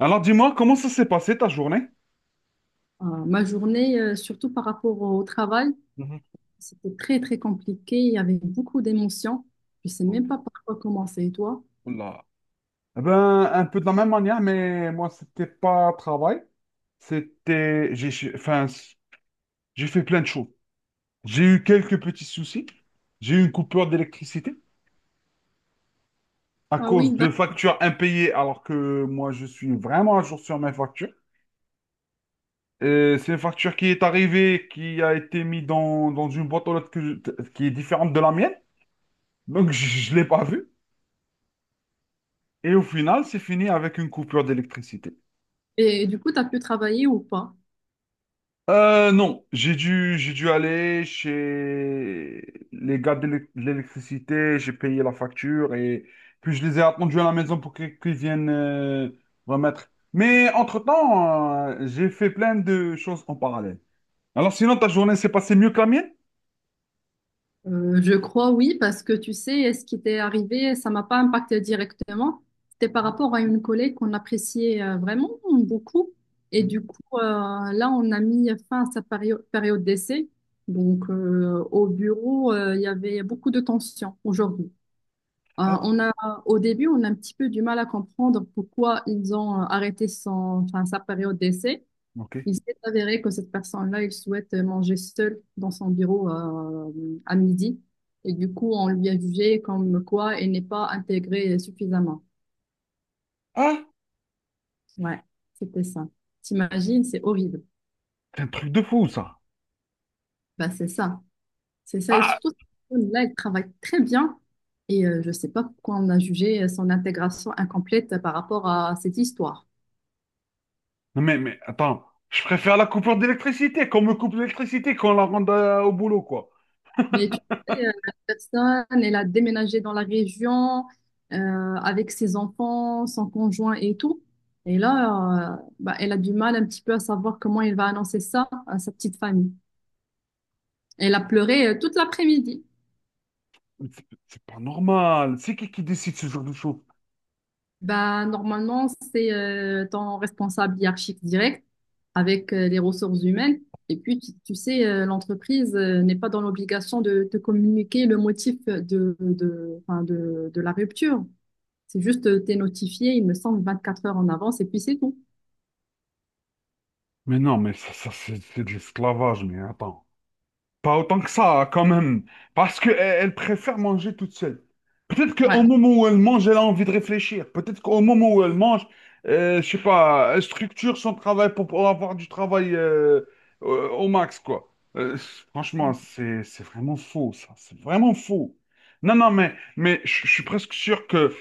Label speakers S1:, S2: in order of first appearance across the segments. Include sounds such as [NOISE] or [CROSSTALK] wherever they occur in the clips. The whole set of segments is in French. S1: Alors dis-moi, comment ça s'est passé ta journée?
S2: Ma journée, surtout par rapport au travail,
S1: Mhm.
S2: c'était très, très compliqué. Il y avait beaucoup d'émotions. Je sais même pas par quoi commencer. Et toi?
S1: Oula. Eh ben, un peu de la même manière, mais moi, c'était pas travail. C'était. J'ai fait plein de choses. J'ai eu quelques petits soucis. J'ai eu une coupure d'électricité à
S2: Ah oui,
S1: cause de
S2: d'accord.
S1: factures impayées, alors que moi, je suis vraiment à jour sur mes factures. Et c'est une facture qui est arrivée, qui a été mise dans une boîte aux lettres qui est différente de la mienne. Donc, [LAUGHS] je ne l'ai pas vue. Et au final, c'est fini avec une coupure d'électricité.
S2: Et du coup, tu as pu travailler ou pas?
S1: Non, j'ai dû aller chez les gars de l'électricité, j'ai payé la facture et puis je les ai attendus à la maison pour qu'ils viennent remettre. Mais entre-temps, j'ai fait plein de choses en parallèle. Alors sinon, ta journée s'est passée mieux que la mienne?
S2: Je crois oui, parce que tu sais, ce qui t'est arrivé, ça m'a pas impacté directement. C'était par
S1: Ouais.
S2: rapport à une collègue qu'on appréciait vraiment beaucoup. Et
S1: Mhm.
S2: du coup, là, on a mis fin à sa période d'essai. Donc, au bureau, il y avait beaucoup de tension aujourd'hui. Euh,
S1: Alors,
S2: on a, au début, on a un petit peu du mal à comprendre pourquoi ils ont arrêté son, enfin, sa période d'essai.
S1: ok.
S2: Il s'est avéré que cette personne-là, il souhaite manger seule dans son bureau à midi. Et du coup, on lui a jugé comme quoi elle n'est pas intégrée suffisamment.
S1: Ah,
S2: Ouais, c'était ça. T'imagines, c'est horrible.
S1: c'est un truc de fou ça.
S2: Bah, c'est ça. C'est ça. Et
S1: Ah,
S2: surtout, là, elle travaille très bien. Et je ne sais pas pourquoi on a jugé son intégration incomplète par rapport à cette histoire.
S1: mais attends, je préfère la coupure d'électricité, qu'on me coupe l'électricité, qu'on la rende au boulot, quoi.
S2: Mais tu sais, la personne, elle a déménagé dans la région avec ses enfants, son conjoint et tout. Et là, bah, elle a du mal un petit peu à savoir comment elle va annoncer ça à sa petite famille. Elle a pleuré toute l'après-midi.
S1: Mais c'est pas normal. C'est qui décide ce genre de choses?
S2: Bah, normalement, c'est ton responsable hiérarchique direct avec les ressources humaines. Et puis, tu sais, l'entreprise n'est pas dans l'obligation de te communiquer le motif enfin, de la rupture. C'est juste, t'es notifié, il me semble, 24 heures en avance et puis c'est tout.
S1: Mais non, mais ça, c'est de l'esclavage, mais attends. Pas autant que ça, quand même. Parce qu'elle elle préfère manger toute seule. Peut-être
S2: Ouais.
S1: qu'au moment où elle mange, elle a envie de réfléchir. Peut-être qu'au moment où elle mange, je sais pas, elle structure son travail pour pouvoir avoir du travail au max, quoi. Franchement, c'est vraiment faux, ça. C'est vraiment faux. Non, non, mais je suis presque sûr que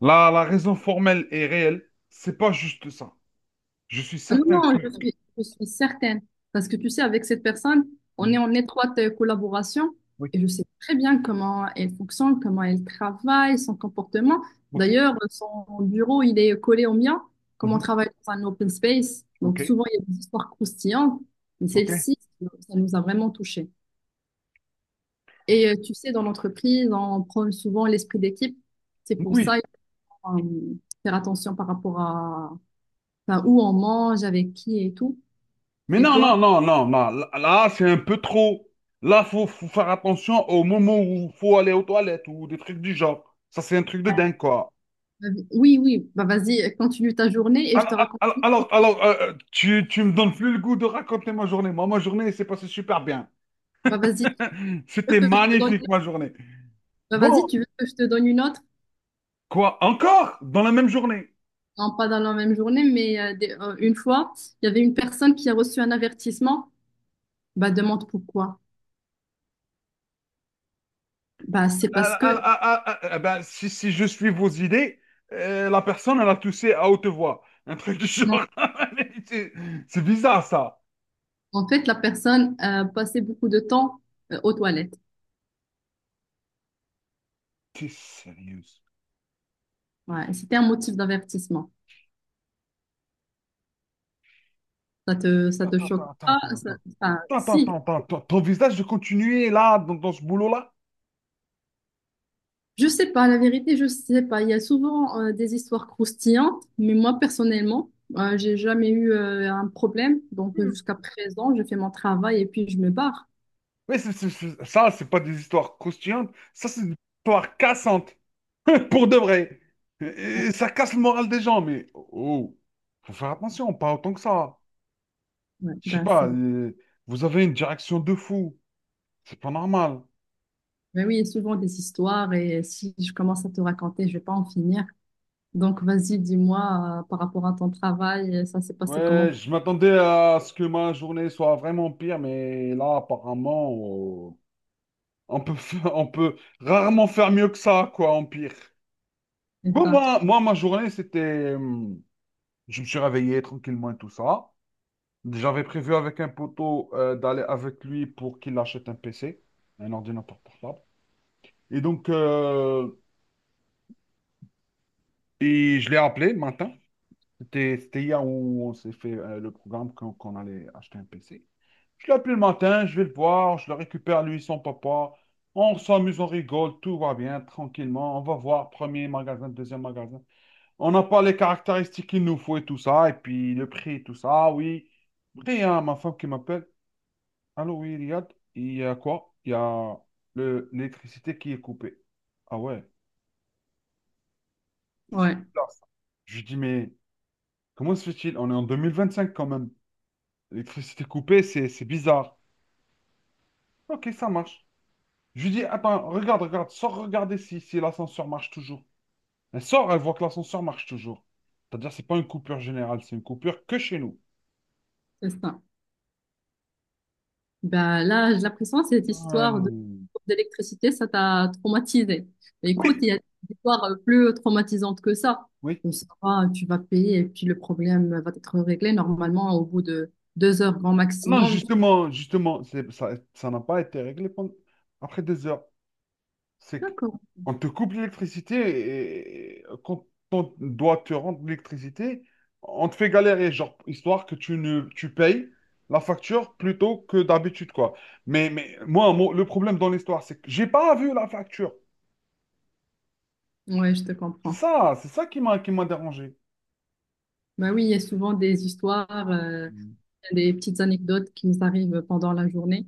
S1: la raison formelle est réelle. C'est pas juste ça. Je suis
S2: Ah non,
S1: certain
S2: non,
S1: que-
S2: je suis certaine. Parce que tu sais, avec cette personne, on est
S1: Mhm.
S2: en étroite collaboration
S1: Oui,
S2: et je sais très bien comment elle fonctionne, comment elle travaille, son comportement.
S1: ok.
S2: D'ailleurs, son bureau, il est collé au mien, comme on
S1: Mhm.
S2: travaille dans un open space.
S1: Ok,
S2: Donc souvent, il y a des histoires croustillantes, mais
S1: ok.
S2: celle-ci, ça nous a vraiment touchés. Et tu sais, dans l'entreprise, on prône souvent l'esprit d'équipe. C'est pour
S1: Oui,
S2: ça euh, faire attention par rapport à enfin, où on mange, avec qui et tout.
S1: mais
S2: Et
S1: non,
S2: toi?
S1: non, non, non, non. Là, là, c'est un peu trop. Là, faut faire attention au moment où faut aller aux toilettes ou des trucs du genre. Ça, c'est un truc de dingue, quoi.
S2: Oui, oui, bah vas-y, continue ta journée et je
S1: Alors,
S2: te raconte.
S1: tu me donnes plus le goût de raconter ma journée. Moi, ma journée, elle s'est passée super bien.
S2: Bah vas-y, tu
S1: [LAUGHS]
S2: veux
S1: C'était
S2: que je te donne...
S1: magnifique, ma journée.
S2: Bah
S1: Bon,
S2: vas-y, tu veux que je te donne une autre?
S1: quoi, encore dans la même journée.
S2: Non, pas dans la même journée, mais une fois, il y avait une personne qui a reçu un avertissement. Bah demande pourquoi. Bah c'est parce
S1: Ah,
S2: que
S1: ah, ah, ah, ah, ah, eh ben, si, si je suis vos idées, la personne, elle a toussé à haute voix. Un truc du
S2: en
S1: genre. [LAUGHS] C'est bizarre, ça.
S2: en fait la personne passait beaucoup de temps aux toilettes.
S1: T'es sérieuse.
S2: Ouais, c'était un motif d'avertissement. Ça te
S1: Attends,
S2: choque
S1: attends, attends,
S2: pas?
S1: attends,
S2: Ça-
S1: attends.
S2: enfin,
S1: Attends,
S2: si.
S1: attends, attends, attends. Ton visage de continuer là, dans ce boulot-là?
S2: Je sais pas, la vérité, je sais pas. Il y a souvent des histoires croustillantes, mais moi personnellement, j'ai jamais eu un problème. Donc
S1: Hmm.
S2: jusqu'à présent, je fais mon travail et puis je me barre.
S1: Oui, ça, c'est pas des histoires croustillantes. Ça, c'est des histoires cassantes. [LAUGHS] Pour de vrai. Et- et ça casse le moral des gens, mais oh, faut faire attention, pas autant que ça.
S2: Ouais,
S1: Je sais
S2: ben,
S1: pas,
S2: c'est...
S1: vous avez une direction de fou. C'est pas normal.
S2: Ben oui, il y a souvent des histoires et si je commence à te raconter, je vais pas en finir. Donc vas-y, dis-moi par rapport à ton travail, ça s'est passé comment
S1: Ouais,
S2: pour
S1: je m'attendais à ce que ma journée soit vraiment pire, mais là, apparemment, oh, on peut, fa- [LAUGHS] on peut rarement faire mieux que ça, quoi, en pire. Bon,
S2: ça?
S1: moi ma journée, c'était... je me suis réveillé tranquillement et tout ça. J'avais prévu avec un poteau d'aller avec lui pour qu'il achète un PC, un ordinateur portable. Et donc, je l'ai appelé le matin. C'était hier où on s'est fait le programme qu'on allait acheter un PC. Je l'appelle le matin, je vais le voir, je le récupère lui, son papa. On s'amuse, on rigole, tout va bien, tranquillement. On va voir premier magasin, deuxième magasin. On n'a pas les caractéristiques qu'il nous faut et tout ça, et puis le prix et tout ça. Ah oui. Après, il y a ma femme qui m'appelle. Allô, oui, Riyad, il y a quoi? Il y a l'électricité qui est coupée. Ah ouais, c'est
S2: Ouais,
S1: bizarre ça. Je lui dis, mais comment se fait-il? On est en 2025 quand même. L'électricité coupée, c'est bizarre. Ok, ça marche. Je lui dis, attends, regarde, sors regarder si l'ascenseur marche toujours. Elle sort, elle voit que l'ascenseur marche toujours. C'est-à-dire, c'est pas une coupure générale, c'est une coupure que chez nous.
S2: c'est ça. Ben là, j'ai l'impression que cette histoire de-
S1: Hum,
S2: d'électricité, ça t'a traumatisé. Mais écoute,
S1: Oui,
S2: il y a des histoires plus traumatisantes que ça.
S1: oui.
S2: Comme ça, tu vas payer et puis le problème va être réglé normalement au bout de 2 heures grand
S1: Non,
S2: maximum.
S1: justement, justement, c'est- ça n'a pas été réglé pendant- après des heures. C'est
S2: D'accord.
S1: qu'on te coupe l'électricité et quand on doit te rendre l'électricité, on te fait galérer, genre, histoire que tu ne tu payes la facture plutôt que d'habitude, quoi. Mais moi, le problème dans l'histoire, c'est que j'ai pas vu la facture.
S2: Ouais, je te comprends.
S1: C'est ça qui m'a dérangé.
S2: Ben oui, il y a souvent des histoires,
S1: Mm.
S2: des petites anecdotes qui nous arrivent pendant la journée.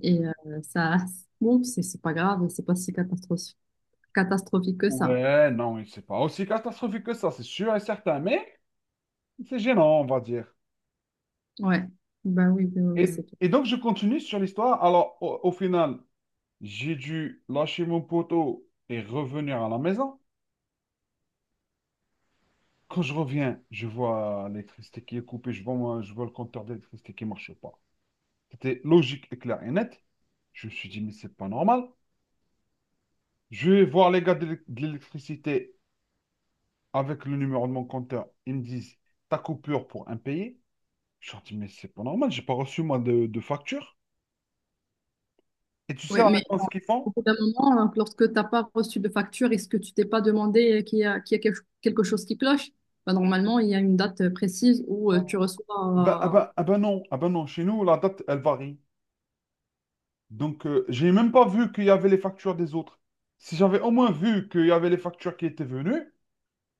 S2: Et ça, bon, c'est pas grave, c'est pas si catastrophique que ça.
S1: Ouais, non, mais c'est pas aussi catastrophique que ça, c'est sûr et certain, mais c'est gênant, on va dire.
S2: Ouais. Ben oui, oui, c'est tout.
S1: Et donc, je continue sur l'histoire. Alors, au final, j'ai dû lâcher mon poteau et revenir à la maison. Quand je reviens, je vois l'électricité qui est coupée, je vois le compteur d'électricité qui ne marche pas. C'était logique et clair et net. Je me suis dit, mais c'est pas normal. Je vais voir les gars de l'électricité avec le numéro de mon compteur. Ils me disent, ta coupure pour impayé. Je leur dis, mais c'est pas normal, j'ai pas reçu moi de facture. Et tu sais
S2: Oui,
S1: la
S2: mais
S1: réponse qu'ils
S2: au
S1: font?
S2: bout d'un moment, lorsque tu n'as pas reçu de facture, est-ce que tu t'es pas demandé qu'il y a quelque chose qui cloche? Bah, normalement, il y a une date précise où
S1: Ah,
S2: tu
S1: ah ben,
S2: reçois.
S1: ah ben non, chez nous, la date, elle varie. Donc, j'ai même pas vu qu'il y avait les factures des autres. Si j'avais au moins vu qu'il y avait les factures qui étaient venues,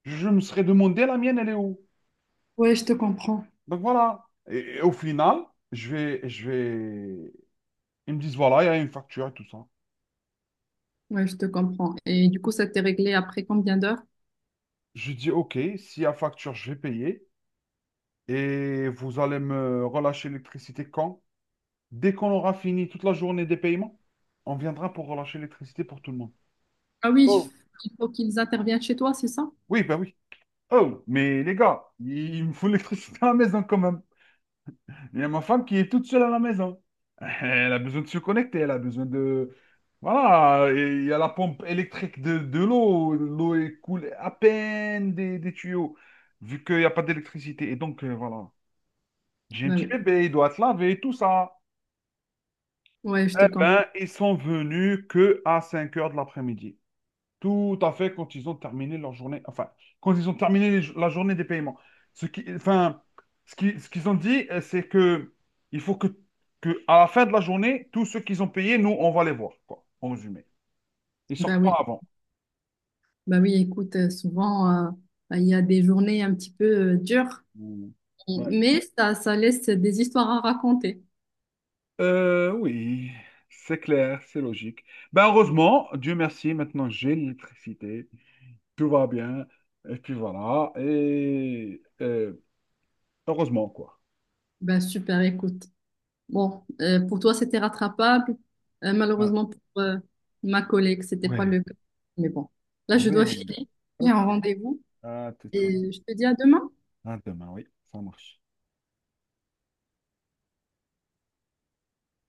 S1: je me serais demandé la mienne, elle est où?
S2: Ouais, je te comprends.
S1: Donc voilà. Et au final, je vais. Ils me disent, voilà, il y a une facture et tout ça.
S2: Ouais, je te comprends. Et du coup, ça t'est réglé après combien d'heures?
S1: Je dis, ok, s'il y a facture, je vais payer. Et vous allez me relâcher l'électricité quand? Dès qu'on aura fini toute la journée des paiements, on viendra pour relâcher l'électricité pour tout le monde.
S2: Ah oui,
S1: Oh,
S2: il faut qu'ils interviennent chez toi, c'est ça?
S1: oui, ben oui. Oh, mais les gars, il me faut l'électricité à la maison quand même. Il y a ma femme qui est toute seule à la maison. [LAUGHS] Elle a besoin de se connecter, elle a besoin de... Voilà, et il y a la pompe électrique de l'eau. L'eau est coule à peine des tuyaux, vu qu'il n'y a pas d'électricité. Et donc, voilà. J'ai un
S2: Bah
S1: petit
S2: oui.
S1: bébé, il doit se laver, tout ça.
S2: Ouais, je
S1: Eh
S2: te comprends.
S1: ben, ils sont venus que à 17h. Tout à fait, quand ils ont terminé leur journée, enfin, quand ils ont terminé la journée des paiements. Ce qui, enfin, ce qu'ils ont dit, c'est que il faut que à la fin de la journée, tous ceux qu'ils ont payés, nous, on va les voir, quoi, en résumé. Ils
S2: Bah
S1: sortent
S2: oui.
S1: pas avant.
S2: Bah oui, écoute, souvent, bah, il y a des journées un petit peu dures,
S1: Mm. Ouais.
S2: mais ça laisse des histoires à raconter.
S1: Oui, c'est clair, c'est logique. Ben, heureusement, Dieu merci, maintenant j'ai l'électricité, tout va bien, et puis voilà, heureusement, quoi.
S2: Bah super, écoute. Bon, pour toi, c'était rattrapable.
S1: Hein.
S2: Malheureusement, pour ma collègue, c'était pas
S1: Ouais,
S2: le cas. Mais bon, là, je dois
S1: ouais,
S2: filer. J'ai un
S1: ok.
S2: rendez-vous
S1: À tout.
S2: et je te dis à demain.
S1: À demain, oui, ça marche.